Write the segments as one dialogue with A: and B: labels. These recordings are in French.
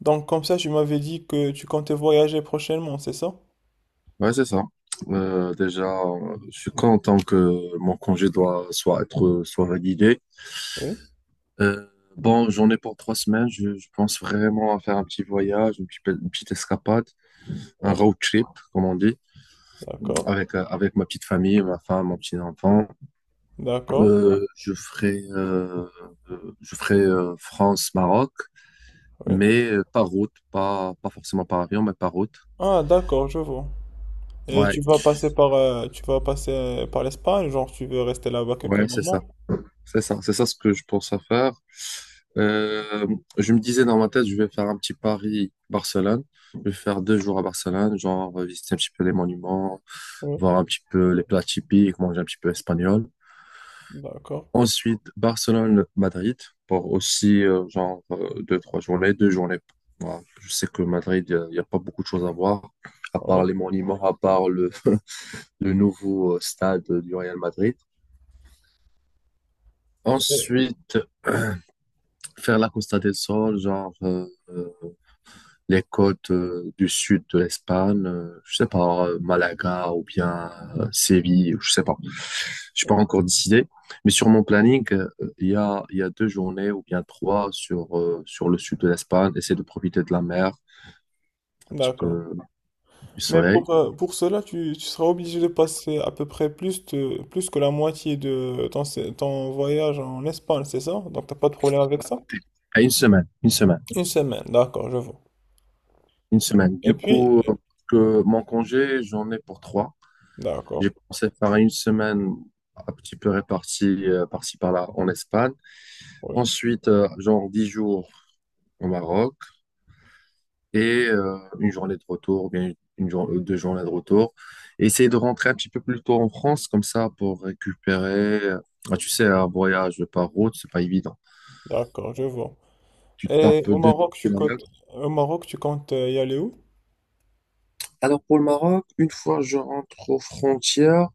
A: Donc comme ça, tu m'avais dit que tu comptais voyager prochainement, c'est ça?
B: Ouais, c'est ça. Déjà, je suis content que mon congé doit soit être soit validé.
A: Oui.
B: Euh, bon, j'en ai pour 3 semaines. Je pense vraiment à faire un petit voyage, une petite escapade, un
A: Oui,
B: road trip, comme on dit,
A: d'accord,
B: avec ma petite famille, ma femme, mon petit enfant.
A: d'accord,
B: Euh, je ferai euh, je ferai France-Maroc,
A: oui.
B: mais par route, pas forcément par avion, mais par route.
A: Ah, d'accord, je vois. Et
B: Ouais,
A: tu vas passer par, tu vas passer par l'Espagne, genre tu veux rester là-bas quelques
B: ouais, c'est ça,
A: moments?
B: c'est ça, c'est ça ce que je pense à faire. Euh, je me disais dans ma tête, je vais faire un petit Paris-Barcelone. Je vais faire 2 jours à Barcelone, genre visiter un petit peu les monuments,
A: Oui.
B: voir un petit peu les plats typiques, manger un petit peu espagnol.
A: D'accord,
B: Ensuite, Barcelone-Madrid pour aussi genre deux, trois journées, deux journées. Voilà. Je sais que Madrid, y a pas beaucoup de choses à voir, à
A: oui.
B: part les monuments, à part le, le nouveau stade du Real Madrid.
A: Et-
B: Ensuite, faire la Costa del Sol, genre les côtes du sud de l'Espagne, je sais pas, Malaga ou bien Séville, je sais pas. J'ai pas encore décidé, mais sur mon planning, il y a deux journées ou bien trois sur sur le sud de l'Espagne. Essayer de profiter de la mer, un petit
A: d'accord.
B: peu du
A: Mais
B: soleil.
A: pour cela, tu seras obligé de passer à peu près plus, de, plus que la moitié de ton, ton voyage en Espagne, c'est ça? Donc t'as pas de problème avec ça?
B: À une semaine, une semaine,
A: Une semaine, d'accord, je vois.
B: une semaine.
A: Et
B: Du
A: puis,
B: coup, que mon congé, j'en ai pour trois. J'ai
A: d'accord,
B: pensé faire une semaine un petit peu répartie par-ci par-là en Espagne.
A: oui,
B: Ensuite, genre 10 jours au Maroc et une journée de retour, ou bien deux journées de retour. Et essayer de rentrer un petit peu plus tôt en France, comme ça, pour récupérer. Ah, tu sais, un voyage par route, c'est pas évident.
A: d'accord, je vois.
B: Tu
A: Et
B: tapes
A: au
B: deux
A: Maroc,
B: kilomètres.
A: au Maroc, tu comptes y aller où?
B: Alors pour le Maroc, une fois je rentre aux frontières,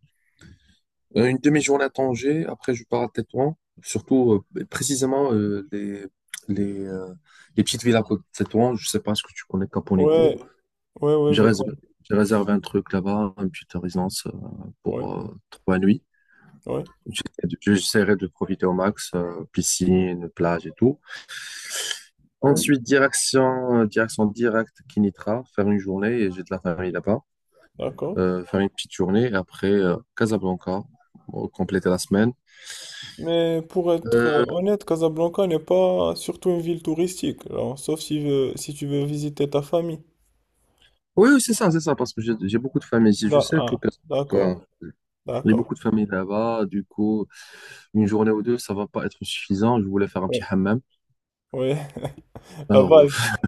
B: une demi-journée à Tanger, après je pars à Tétouan, surtout précisément les, euh, les petites villes à côté de Tétouan. Je sais pas ce que tu connais
A: Ouais,
B: Caponegro.
A: ouais, ouais,
B: J'ai
A: je
B: réservé,
A: compte.
B: j'ai réservé un truc là-bas, une petite résidence
A: Ouais,
B: pour 3 nuits.
A: ouais,
B: J'essaierai de profiter au max, piscine, plage et tout.
A: ouais,
B: Ensuite, direction directe Kinitra, faire une journée, et j'ai de la famille là-bas.
A: d'accord.
B: Faire une petite journée, et après Casablanca, pour compléter la semaine.
A: Mais pour être
B: Euh,
A: honnête, Casablanca n'est pas surtout une ville touristique, alors, sauf si, si tu veux visiter ta famille.
B: oui, oui, c'est ça, parce que j'ai beaucoup de familles ici. Je sais que
A: Ah, d'accord,
B: Casablanca, il y a
A: d'accord.
B: beaucoup de familles là-bas, du coup, une journée ou deux, ça va pas être suffisant. Je voulais faire un petit
A: Ouais,
B: hammam.
A: ouais, la
B: Alors,
A: base.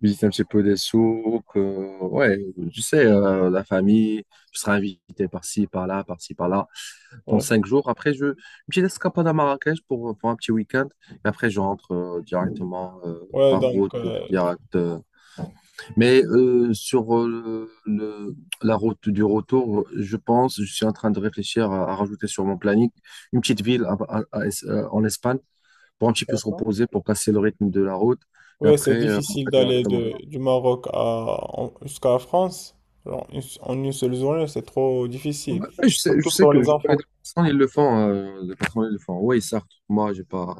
B: visiter un petit peu des souks. Ouais, tu sais, la famille, je serai invité par-ci, par-là, par-ci, par-là. Pendant
A: Ouais,
B: 5 jours, après, je, une petite escapade à Marrakech pour un petit week-end. Et après, je rentre directement
A: ouais,
B: par
A: donc,
B: route, direct. Mais sur la route du retour, je pense, je suis en train de réfléchir à rajouter sur mon planning une petite ville en Espagne pour un petit peu se
A: d'accord.
B: reposer, pour casser le rythme de la route. Et
A: Oui,
B: après,
A: c'est
B: on
A: difficile
B: va
A: d'aller
B: directement.
A: de, du Maroc à, jusqu'à la France. Alors, en une seule journée, c'est trop difficile.
B: Ouais,
A: Surtout
B: je sais
A: pour
B: que
A: les
B: je connais
A: enfants.
B: des personnes, ils le font, des personnes, ils le font. Oui, certes, moi,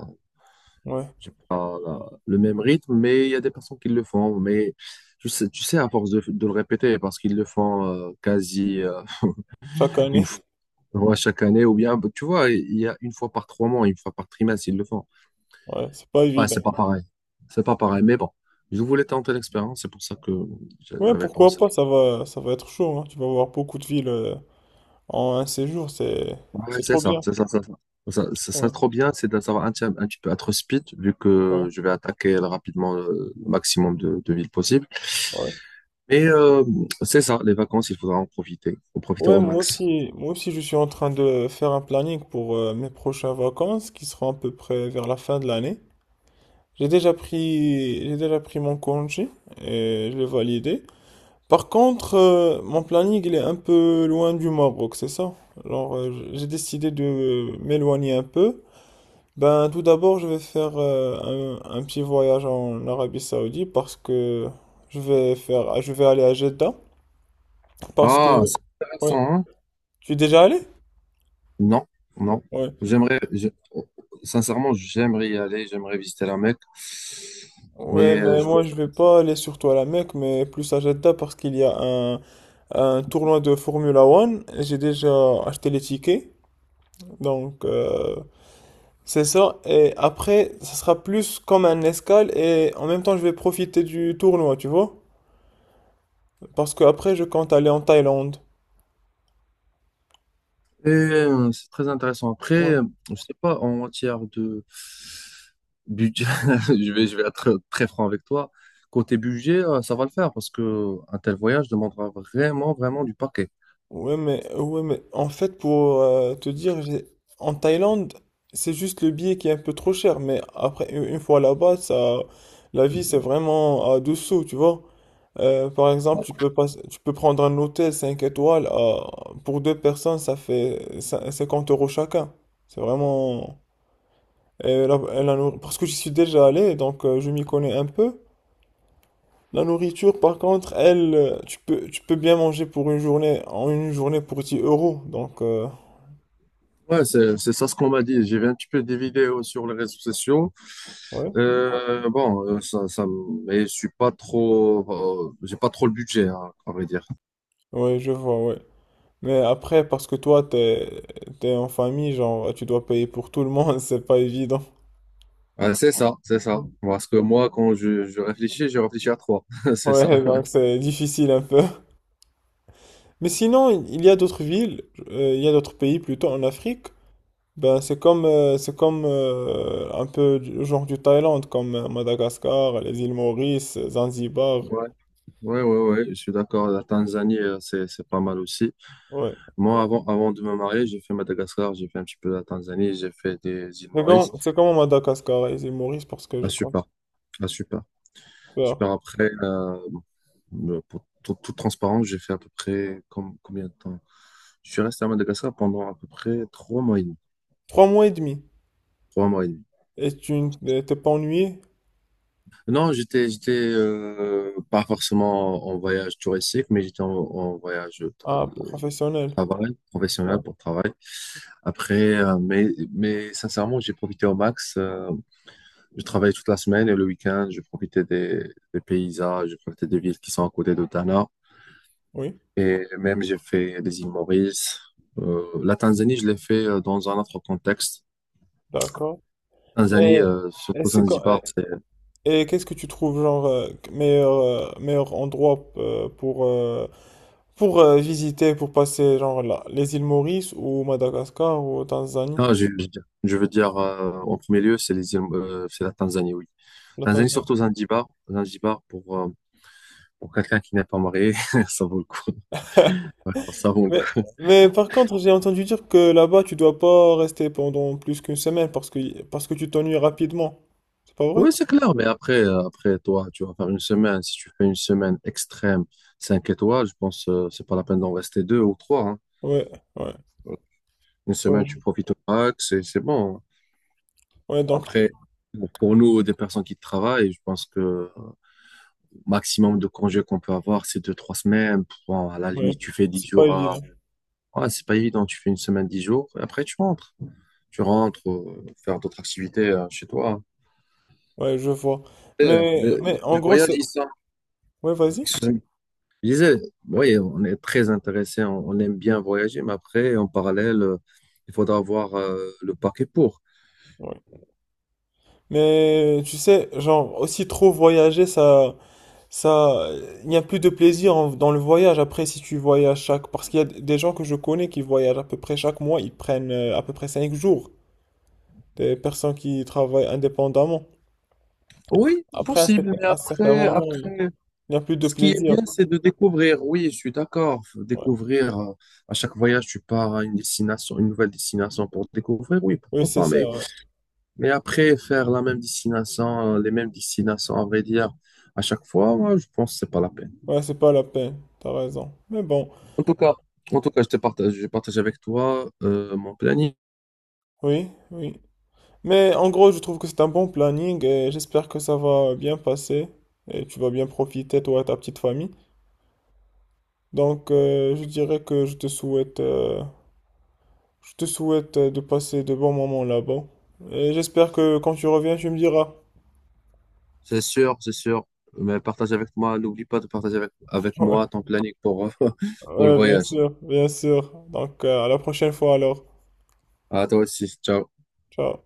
A: Ouais,
B: j'ai pas le même rythme, mais il y a des personnes qui le font. Mais je sais, tu sais, à force de le répéter, parce qu'ils le font quasi
A: chaque
B: une
A: année.
B: fois ouais, chaque année, ou bien, tu vois, il y a une fois par 3 mois, une fois par trimestre, ils le font.
A: Ouais, c'est pas
B: Ouais, c'est
A: évident.
B: pas pareil. C'est pas pareil, mais bon, je voulais tenter l'expérience, c'est pour ça que
A: Ouais,
B: j'avais
A: pourquoi
B: pensé.
A: pas, ça va être chaud, hein. Tu vas voir beaucoup de villes en un séjour.
B: Ouais,
A: C'est
B: c'est
A: trop
B: ça,
A: bien.
B: c'est ça, c'est ça. Ça,
A: Ouais,
B: trop bien, c'est de savoir un petit peu être speed, vu
A: ouais,
B: que je vais attaquer rapidement le maximum de villes possibles.
A: ouais.
B: Mais c'est ça, les vacances, il faudra en profiter
A: Ouais,
B: au max.
A: moi aussi, je suis en train de faire un planning pour mes prochaines vacances qui seront à peu près vers la fin de l'année. J'ai déjà pris mon congé et je l'ai validé. Par contre, mon planning, il est un peu loin du Maroc, c'est ça? Alors, j'ai décidé de m'éloigner un peu. Ben, tout d'abord, je vais faire un petit voyage en Arabie Saoudite parce que je vais aller à Jeddah parce que,
B: Ah, c'est
A: ouais.
B: intéressant, hein?
A: Tu es déjà allé?
B: Non, non.
A: Ouais.
B: J'aimerais, oh, sincèrement, j'aimerais y aller, j'aimerais visiter la Mecque.
A: Ouais,
B: Mais
A: mais
B: je
A: moi, je vais pas aller surtout à la Mecque, mais plus à Jeddah parce qu'il y a un tournoi de Formula One. J'ai déjà acheté les tickets, donc, c'est ça. Et après, ça sera plus comme un escale, et en même temps, je vais profiter du tournoi, tu vois? Parce que après, je compte aller en Thaïlande.
B: C'est très intéressant. Après,
A: Ouais.
B: je sais pas, en matière de budget, je vais être très, franc avec toi. Côté budget, ça va le faire parce que un tel voyage demandera vraiment, vraiment du paquet.
A: Ouais, mais en fait, pour te dire, en Thaïlande, c'est juste le billet qui est un peu trop cher, mais après, une fois là-bas, ça, la vie, c'est vraiment à deux sous, tu vois? Par exemple, tu peux pas, tu peux prendre un hôtel 5 étoiles, pour deux personnes, ça fait 50 € chacun. C'est vraiment. Et parce que j'y suis déjà allé, donc je m'y connais un peu. La nourriture, par contre, elle, tu peux bien manger en une journée pour 10 euros. Donc,
B: Ouais, c'est ça ce qu'on m'a dit. J'ai vu un petit peu des vidéos sur les réseaux sociaux.
A: ouais.
B: Bon, mais je suis pas trop, j'ai pas trop le budget, hein, à vrai dire.
A: Ouais, je vois, ouais. Mais après, parce que t'es en famille, genre, tu dois payer pour tout le monde, c'est pas évident.
B: C'est ça, c'est ça. Parce que moi, quand je réfléchis à trois. C'est ça.
A: Ouais, donc c'est difficile un peu. Mais sinon, il y a d'autres pays plutôt en Afrique. Ben, c'est comme un peu du genre du Thaïlande, comme Madagascar, les îles Maurice, Zanzibar.
B: Ouais, ouais, ouais, je suis d'accord. La Tanzanie, c'est pas mal aussi.
A: Ouais.
B: Moi, avant de me marier, j'ai fait Madagascar, j'ai fait un petit peu la Tanzanie, j'ai fait des îles Maurice.
A: C'est comme Madagascar et les îles Maurice parce que
B: Ah,
A: je compte
B: super. Ah, super.
A: faire
B: Super. Après, pour toute transparence, j'ai fait à peu près combien de temps? Je suis resté à Madagascar pendant à peu près 3 mois et demi.
A: trois mois et demi.
B: 3 mois et demi.
A: Et t'es pas ennuyé?
B: Non, j'étais pas forcément en voyage touristique, mais j'étais en voyage de
A: Ah, professionnel.
B: travail, professionnel
A: Ouais.
B: pour travail. Après, mais sincèrement, j'ai profité au max. Je travaillais toute la semaine et le week-end, je profitais des paysages, je profitais des villes qui sont à côté de Tana.
A: Oui,
B: Et même, j'ai fait des îles Maurice. La Tanzanie, je l'ai fait dans un autre contexte.
A: d'accord.
B: Tanzanie,
A: Et, et
B: surtout
A: c'est quand,
B: Zanzibar, c'est…
A: et qu'est-ce que tu trouves genre meilleur endroit pour visiter, pour passer genre là, les îles Maurice ou Madagascar ou Tanzanie?
B: Non, je veux dire, en premier lieu, c'est les îles, c'est la Tanzanie, oui. Tanzanie,
A: L'Ontario.
B: surtout Zanzibar. Zanzibar, pour quelqu'un qui n'est pas marié, ça vaut le coup. Ouais, ça vaut le
A: Mais,
B: coup.
A: mais par contre, j'ai entendu dire que là-bas, tu dois pas rester pendant plus qu'une semaine parce que tu t'ennuies rapidement. C'est pas vrai?
B: Oui, c'est clair, mais après, après toi, tu vas faire une semaine. Si tu fais une semaine extrême, 5 étoiles, je pense que c'est pas la peine d'en rester deux ou trois, hein.
A: Ouais, ouais,
B: Voilà. Une semaine,
A: ouais.
B: tu
A: Je-
B: profites au max et c'est bon, hein.
A: ouais, donc, tu-
B: Après, pour nous, des personnes qui travaillent, je pense que le maximum de congés qu'on peut avoir, c'est deux, trois semaines. Bon, à la
A: ouais,
B: limite, tu fais 10
A: c'est pas
B: jours à…
A: évident.
B: Ouais, c'est pas évident, tu fais une semaine, 10 jours, et après tu rentres. Tu rentres, faire d'autres activités chez toi.
A: Ouais, je vois.
B: Et euh, Les,
A: Mais en
B: les
A: gros,
B: voyages,
A: c'est...
B: ils
A: Ouais, vas-y.
B: sont… Je disais, oui, on est très intéressé, on aime bien voyager, mais après, en parallèle, il faudra avoir le paquet pour.
A: Ouais. Mais tu sais, genre, aussi trop voyager, ça... ça, il n'y a plus de plaisir dans le voyage après si tu voyages chaque... Parce qu'il y a des gens que je connais qui voyagent à peu près chaque mois, ils prennent à peu près 5 jours. Des personnes qui travaillent indépendamment.
B: Oui,
A: Après, à
B: possible, mais
A: à certains moments, il
B: après,
A: n'y a plus de
B: ce qui est
A: plaisir.
B: bien, c'est de découvrir. Oui, je suis d'accord. Faut
A: Ouais.
B: découvrir, à chaque voyage, tu pars à une destination, une nouvelle destination pour découvrir. Oui,
A: Oui,
B: pourquoi
A: c'est
B: pas.
A: ça. Ouais,
B: Mais après, faire la même destination, les mêmes destinations, à vrai dire, à chaque fois, moi, je pense que c'est pas la peine.
A: ouais, c'est pas la peine. T'as raison. Mais bon,
B: En tout cas, en tout cas, je te partage, je partage avec toi, mon planning.
A: oui, oui. Mais en gros, je trouve que c'est un bon planning et j'espère que ça va bien passer et tu vas bien profiter, toi et ta petite famille. Donc, je dirais que je te souhaite de passer de bons moments là-bas. Et j'espère que quand tu reviens, tu me diras.
B: C'est sûr, c'est sûr. Mais partage avec moi, n'oublie pas de partager avec
A: Ouais,
B: moi ton planning pour, pour le
A: ouais, bien
B: voyage.
A: sûr, bien sûr. Donc, à la prochaine fois alors.
B: À toi aussi. Ciao.
A: Ciao.